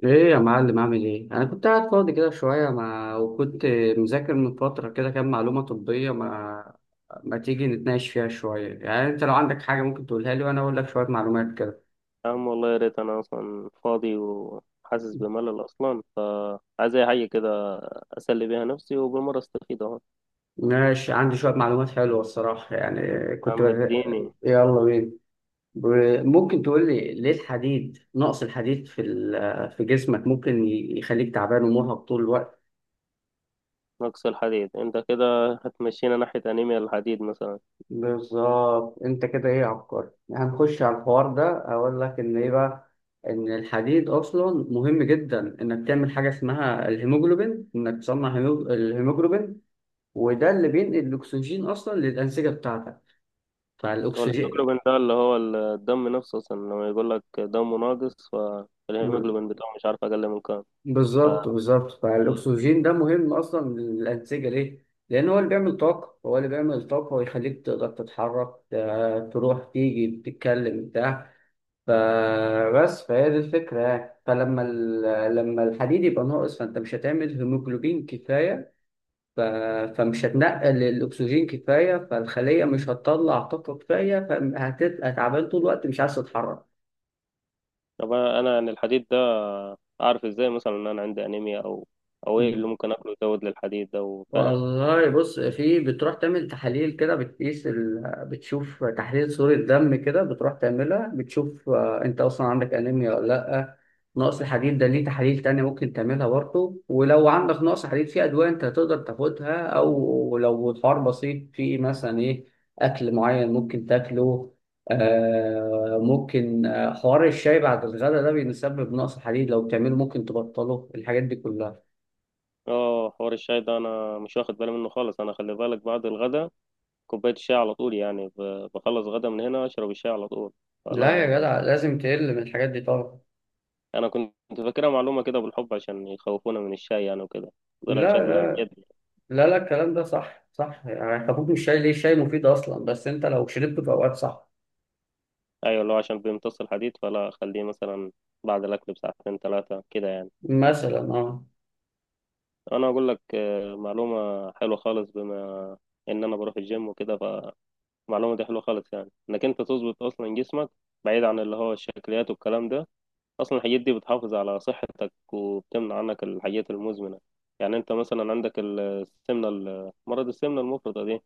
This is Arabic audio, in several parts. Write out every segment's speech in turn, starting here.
ايه يا معلم، عامل ايه؟ انا كنت قاعد فاضي كده شويه ما، وكنت مذاكر من فتره كده كام معلومه طبيه. ما تيجي نتناقش فيها شويه، يعني انت لو عندك حاجه ممكن تقولها لي وانا اقول لك شويه معلومات كده. يا عم، والله يا ريت انا اصلا فاضي وحاسس بملل اصلا، فعايز اي حاجه كده اسلي بيها نفسي وبالمره استفيد اهو. ماشي، عندي شويه معلومات حلوه الصراحه يعني. يا كنت عم بز... اديني. يلا بينا. ممكن تقول لي ليه الحديد، نقص الحديد في جسمك ممكن يخليك تعبان ومرهق طول الوقت؟ نقص الحديد؟ انت كده هتمشينا ناحيه انيميا الحديد مثلا. بالظبط، انت كده ايه، عبقري. هنخش على الحوار ده، اقول لك ان ايه بقى، ان الحديد اصلا مهم جدا انك تعمل حاجه اسمها الهيموجلوبين، انك تصنع الهيموجلوبين. وده اللي بينقل الاكسجين اصلا للانسجه بتاعتك. هو فالاكسجين الهيموجلوبين ده اللي هو الدم نفسه اصلا، لما يقول لك دمه ناقص فالهيموجلوبين بتاعه، مش عارف اقل من كام؟ ف... بالظبط، بالظبط، فالاكسجين ده مهم اصلا للانسجه. ليه؟ لان هو اللي بيعمل طاقه، هو اللي بيعمل طاقه ويخليك تقدر تتحرك، تروح تيجي تتكلم بتاع. فبس، فهي دي الفكرة يعني. فلما لما الحديد يبقى ناقص، فأنت مش هتعمل هيموجلوبين كفاية. ف... فمش هتنقل الأكسجين كفاية، فالخلية مش هتطلع طاقة كفاية، فهتبقى تعبان طول الوقت مش عايز تتحرك. طب انا عن الحديد ده، اعرف ازاي مثلا ان انا عندي انيميا، او ايه اللي ممكن اكله يزود للحديد ده؟ فاهم؟ والله بص، في بتروح تعمل تحاليل كده، بتقيس بتشوف تحليل صورة دم كده، بتروح تعملها، بتشوف انت اصلا عندك انيميا ولا لا. نقص الحديد ده، ليه تحاليل تانية ممكن تعملها برضه. ولو عندك نقص حديد، في ادوية انت تقدر تاخدها، او لو الحوار بسيط، في مثلا ايه، اكل معين ممكن تاكله. آه ممكن، حوار الشاي بعد الغداء ده بيسبب نقص حديد، لو بتعمله ممكن تبطله، الحاجات دي كلها. اه، حوار الشاي ده انا مش واخد بالي منه خالص. انا خلي بالك، بعد الغدا كوبايه الشاي على طول يعني، بخلص غدا من هنا اشرب الشاي على طول، لا فلا يا يعني. جدع، لازم تقل من الحاجات دي طبعا. انا كنت فاكرها معلومه كده بالحب، عشان يخوفونا من الشاي يعني وكده، طلعت لا شكلها لا. بجد. لا لا، الكلام ده صح، صح يعني. خفوف، مش شاي. ليه؟ الشاي مفيد اصلا، بس انت لو شربته في اوقات صح. ايوه، اللي هو عشان بيمتص الحديد، فلا خليه مثلا بعد الاكل بساعتين 3 كده يعني. مثلا اه. انا اقول لك معلومه حلوه خالص، بما ان انا بروح الجيم وكده، فمعلومه دي حلوه خالص يعني انك انت تظبط اصلا جسمك، بعيد عن اللي هو الشكليات والكلام ده. اصلا الحاجات دي بتحافظ على صحتك وبتمنع عنك الحاجات المزمنه. يعني انت مثلا عندك السمنه، مرض السمنه المفرطه دي.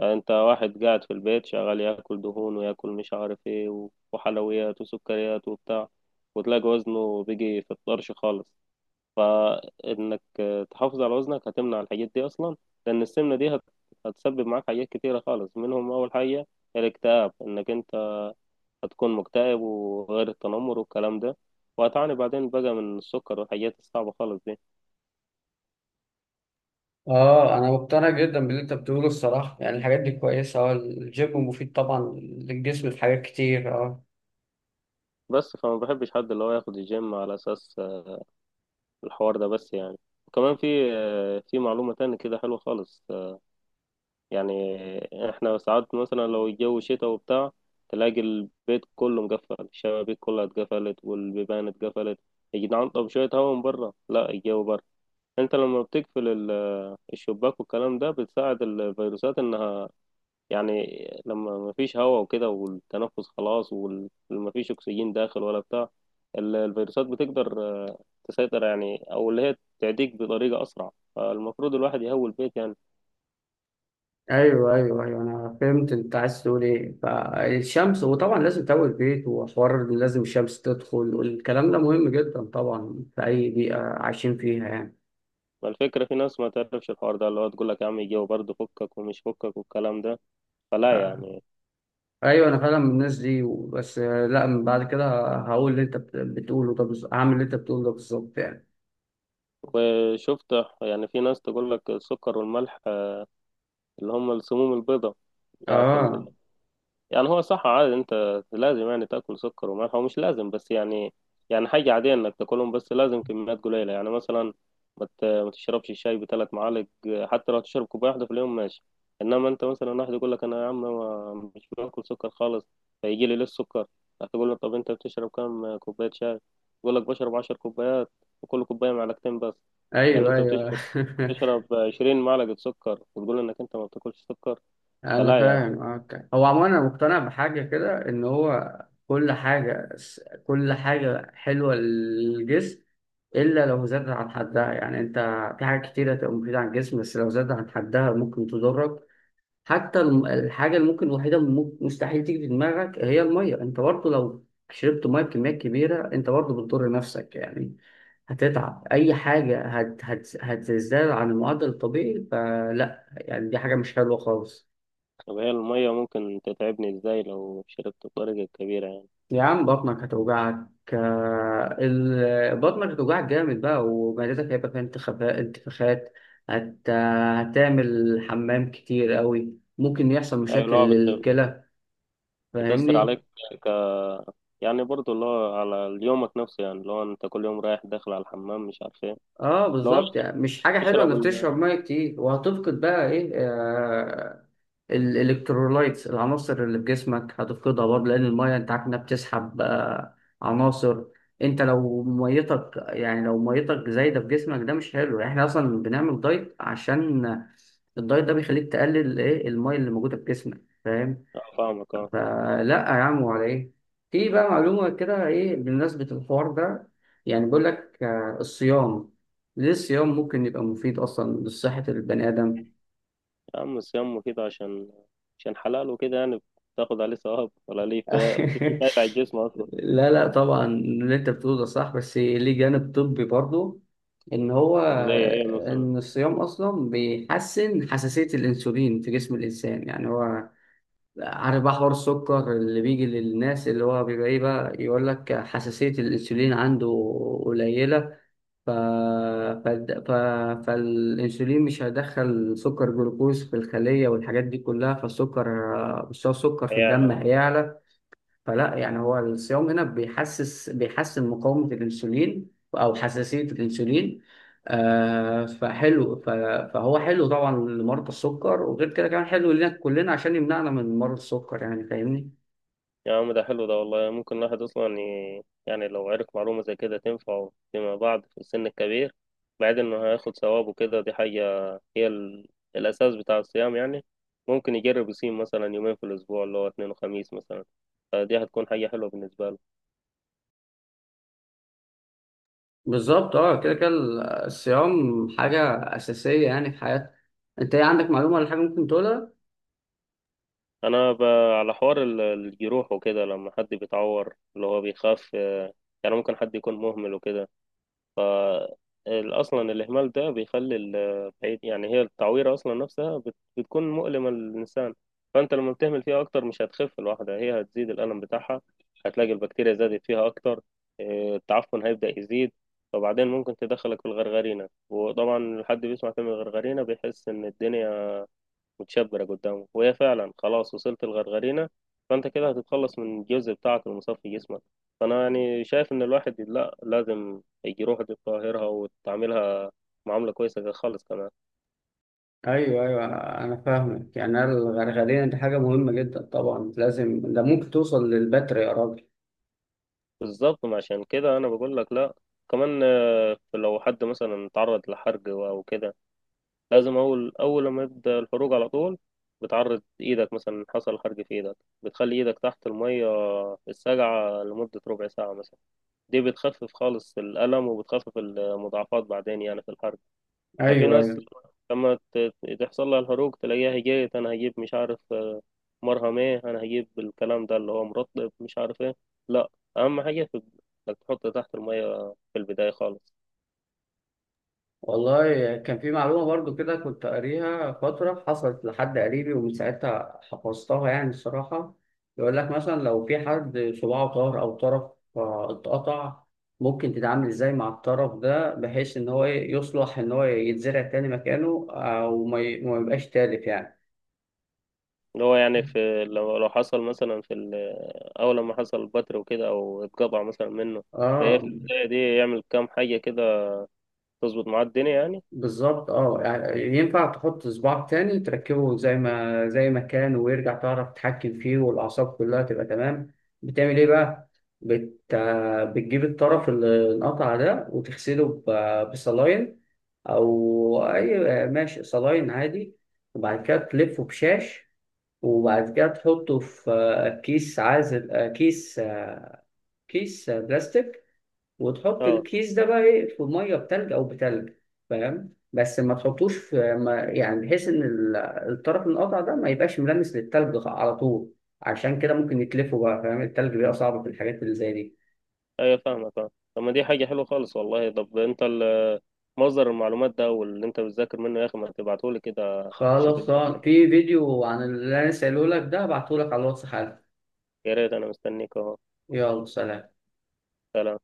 يعني انت واحد قاعد في البيت شغال ياكل دهون وياكل مش عارف ايه و- وحلويات وسكريات وبتاع، وتلاقي وزنه بيجي في الطرش خالص. فانك تحافظ على وزنك هتمنع الحاجات دي اصلا، لان السمنه دي هتسبب معاك حاجات كتيره خالص. منهم اول حاجه الاكتئاب، انك انت هتكون مكتئب، وغير التنمر والكلام ده، وهتعاني بعدين بقى من السكر والحاجات الصعبة خالص دي. اه، انا مقتنع جدا باللي انت بتقوله الصراحه يعني، الحاجات دي كويسه، اه الجيم مفيد طبعا للجسم، في حاجات كتير اه. بس فما بحبش حد اللي هو ياخد الجيم على أساس الحوار ده بس يعني. وكمان في معلومة تانية كده حلوة خالص. يعني احنا ساعات مثلا لو الجو شتاء وبتاع، تلاقي البيت كله مقفل، الشبابيك كلها اتقفلت والبيبان اتقفلت. يا جدعان، طب شوية هوا من بره. لا الجو بره. انت لما بتقفل الشباك والكلام ده، بتساعد الفيروسات انها يعني لما مفيش هواء وكده والتنفس خلاص ومفيش أكسجين داخل ولا بتاع، الفيروسات بتقدر تسيطر يعني، أو اللي هي تعديك بطريقة أسرع، فالمفروض الواحد يهوي البيت يعني. ايوه ايوه ايوه، انا فهمت انت عايز تقول ايه، فالشمس، وطبعا لازم تقوي البيت، وحوار إن لازم الشمس تدخل، والكلام ده مهم جدا طبعا في اي بيئه عايشين فيها يعني. ما الفكرة في ناس ما تعرفش الحوار ده، اللي هو تقول لك يا عم الجو برد فكك ومش فكك والكلام ده، فلا آه. يعني. ايوه، انا فعلا من الناس دي، بس لا، من بعد كده هقول اللي انت بتقوله ده بالظبط، هعمل اللي انت بتقوله ده بالظبط يعني. وشفت، يعني في ناس تقول لك السكر والملح اللي هم السموم البيضاء بتاعت اه يعني هو صح عادي، انت لازم يعني تاكل سكر وملح، هو مش لازم بس يعني، حاجه عاديه انك تاكلهم، بس لازم كميات قليله يعني مثلا. ما تشربش الشاي بثلاث معالق. حتى لو تشرب كوبايه واحده في اليوم ماشي. انما انت مثلا واحد يقول لك انا يا عم مش باكل سكر خالص، فيجي لي ليه السكر؟ هتقول له طب انت بتشرب كام كوبايه شاي؟ يقول لك بشرب 10 كوبايات، وكل كوبايه معلقتين بس. يعني ايوه انت ايوه بتشرب تشرب 20 معلقه سكر، وتقول انك انت ما بتاكلش سكر، انا فلا يعني. فاهم، اوكي. هو عموما انا مقتنع بحاجه كده، ان هو كل حاجه، كل حاجه حلوه للجسم الا لو زادت عن حدها، يعني انت في حاجات كتيره تبقى مفيده عن الجسم، بس لو زادت عن حدها ممكن تضرك. حتى الحاجة اللي ممكن، الوحيدة اللي مستحيل تيجي في دماغك، هي المية. انت برضه لو شربت مية بكميات كبيرة انت برضه بتضر نفسك يعني، هتتعب، اي حاجة هت هت هتزداد عن المعدل الطبيعي، فلا يعني دي حاجة مش حلوة خالص. طب هي المية ممكن تتعبني ازاي لو شربت بطريقة كبيرة يعني؟ يا عم بطنك هتوجعك. بطنك هتوجعك جامد بقى، ومعدتك هيبقى فيها انتفاخات. هتعمل حمام كتير قوي. ممكن يحصل أي مشاكل لو للكلى. بتأثر فاهمني. عليك. ك... يعني برضو اللي هو على يومك نفسه يعني، لو أنت كل يوم رايح داخل على الحمام مش عارف ايه. اه لو بالظبط، يعني مش حاجه حلوه تشرب انك تشرب ال ميه كتير، وهتفقد بقى ايه، آه، الالكترولايتس، العناصر اللي في جسمك هتفقدها برضه، لان الميه انت عارف انها بتسحب آه عناصر. انت لو ميتك، يعني لو ميتك زايده في جسمك ده مش حلو، يعني احنا اصلا بنعمل دايت عشان الدايت ده بيخليك تقلل ايه الميه اللي موجوده في جسمك، فاهم؟ آه، فاهمك اه. فلا يا عم، ولا ايه؟ في بقى معلومة كده ايه بمناسبة الحوار ده، يعني بيقول لك الصيام، ليه الصيام ممكن يبقى مفيد اصلا لصحة البني ادم؟ يا عم الصيام مفيد عشان حلال وكده يعني، بتاخد عليه ثواب، ولا ليه في فايدة على الجسم أصلا؟ لا لا، طبعا اللي انت بتقوله ده صح، بس ليه جانب طبي برضه، ان هو طب زي ايه مثلا؟ ان الصيام اصلا بيحسن حساسية الانسولين في جسم الانسان، يعني هو عارف بقى حوار السكر اللي بيجي للناس، اللي هو بيبقى ايه بقى، يقول لك حساسية الانسولين عنده قليلة. ف... ف... ف... فالانسولين مش هيدخل سكر جلوكوز في الخلية، والحاجات دي كلها. فالسكر، مستوى السكر في الدم هيعلى. هيعلى. فلا يعني، هو الصيام هنا بيحسن مقاومة الأنسولين، أو حساسية الأنسولين، آه فحلو، فهو حلو طبعا لمرضى السكر، وغير كده كمان حلو لنا كلنا عشان يمنعنا من مرض السكر يعني فاهمني. يا عم ده حلو ده والله، ممكن الواحد أصلا يعني لو عرف معلومة زي كده تنفعه فيما بعد في السن الكبير، بعد إنه هياخد ثواب وكده. دي حاجة هي الأساس بتاع الصيام يعني. ممكن يجرب يصيم مثلا يومين في الأسبوع، اللي هو اثنين وخميس مثلا، فدي هتكون حاجة حلوة بالنسبة له. بالظبط اه، كده كده، الصيام حاجة أساسية يعني في حياتنا. أنت إيه عندك معلومة ولا حاجة ممكن تقولها؟ أنا ب... على حوار الجروح وكده لما حد بيتعور، اللي هو بيخاف يعني ممكن حد يكون مهمل وكده. ف اصلا الاهمال ده بيخلي بعيد يعني. هي التعويره اصلا نفسها بتكون مؤلمه للانسان. فانت لما بتهمل فيها اكتر مش هتخف الواحده، هي هتزيد الالم بتاعها، هتلاقي البكتيريا زادت فيها اكتر. إيه، التعفن هيبدا يزيد. فبعدين ممكن تدخلك في الغرغرينه، وطبعا الحد بيسمع كلمه غرغرينه بيحس ان الدنيا متشبرة قدامه، وهي فعلا خلاص وصلت الغرغرينة. فأنت كده هتتخلص من الجزء بتاعك المصفي جسمك. فأنا يعني شايف إن الواحد لا، لازم يروح يطهرها وتعملها معاملة كويسة كده خالص كمان. ايوه ايوه، انا فاهمك. يعني الغرغرية دي حاجة مهمة جدا طبعا لازم، ده ممكن توصل للبتر يا راجل. بالظبط، ما عشان كده أنا بقول لك لا. كمان لو حد مثلا تعرض لحرق أو كده، لازم أول، أول لما يبدأ الحروق على طول، بتعرض إيدك مثلا، حصل حرق في إيدك، بتخلي إيدك تحت المية الساقعة لمدة ربع ساعة مثلا. دي بتخفف خالص الألم، وبتخفف المضاعفات بعدين يعني في الحرق. ففي ايوه ناس ايوه. لما تحصل لها الحروق، تلاقيها هجيت أنا هجيب مش عارف مرهم إيه، أنا هجيب الكلام ده اللي هو مرطب مش عارف إيه. لا، أهم حاجة في إنك تحط تحت المية في البداية خالص. والله كان في معلومة برضو كده كنت قاريها فترة، حصلت لحد قريبي ومن ساعتها حفظتها يعني الصراحة. يقول لك مثلا لو في حد صباعه طار، أو طرف اتقطع، ممكن تتعامل إزاي مع الطرف ده بحيث إن هو يصلح، إن هو يتزرع تاني مكانه، أو ما يبقاش تالف يعني. اللي هو يعني في لو حصل مثلا في أول لما حصل بتر وكده أو اتقطع مثلا منه، فهي آه. في البداية دي يعمل كام حاجة كده تظبط معاه الدنيا يعني. بالظبط اه، يعني ينفع تحط صباعك تاني، تركبه زي ما كان، ويرجع تعرف تتحكم فيه، والأعصاب كلها تبقى تمام. بتعمل ايه بقى؟ بت... بتجيب الطرف اللي انقطع ده، وتغسله بصلاين، أو أي ماشي، صلاين عادي، وبعد كده تلفه بشاش، وبعد كده تحطه في كيس عازل، كيس بلاستيك، وتحط اه الكيس ده بقى ايه في ميه بتلج، او بتلج. فاهم، بس ما تحطوش في، ما يعني بحيث ان الطرف القطع ده ما يبقاش ملامس للتلج على طول، عشان كده ممكن يتلفوا بقى. فاهم، التلج بيبقى صعب في الحاجات اللي زي دي. ايوه، فاهمك فاهم. طب ما دي حاجة حلوة خالص والله. طب انت مصدر المعلومات ده واللي انت بتذاكر منه يا اخي، ما تبعتهولي كده اشوف خلاص، الدنيا منه. في فيديو عن اللي انا سألهولك ده هبعتهولك على الواتس حالا. يا ريت انا مستنيك اهو. يلا سلام. سلام.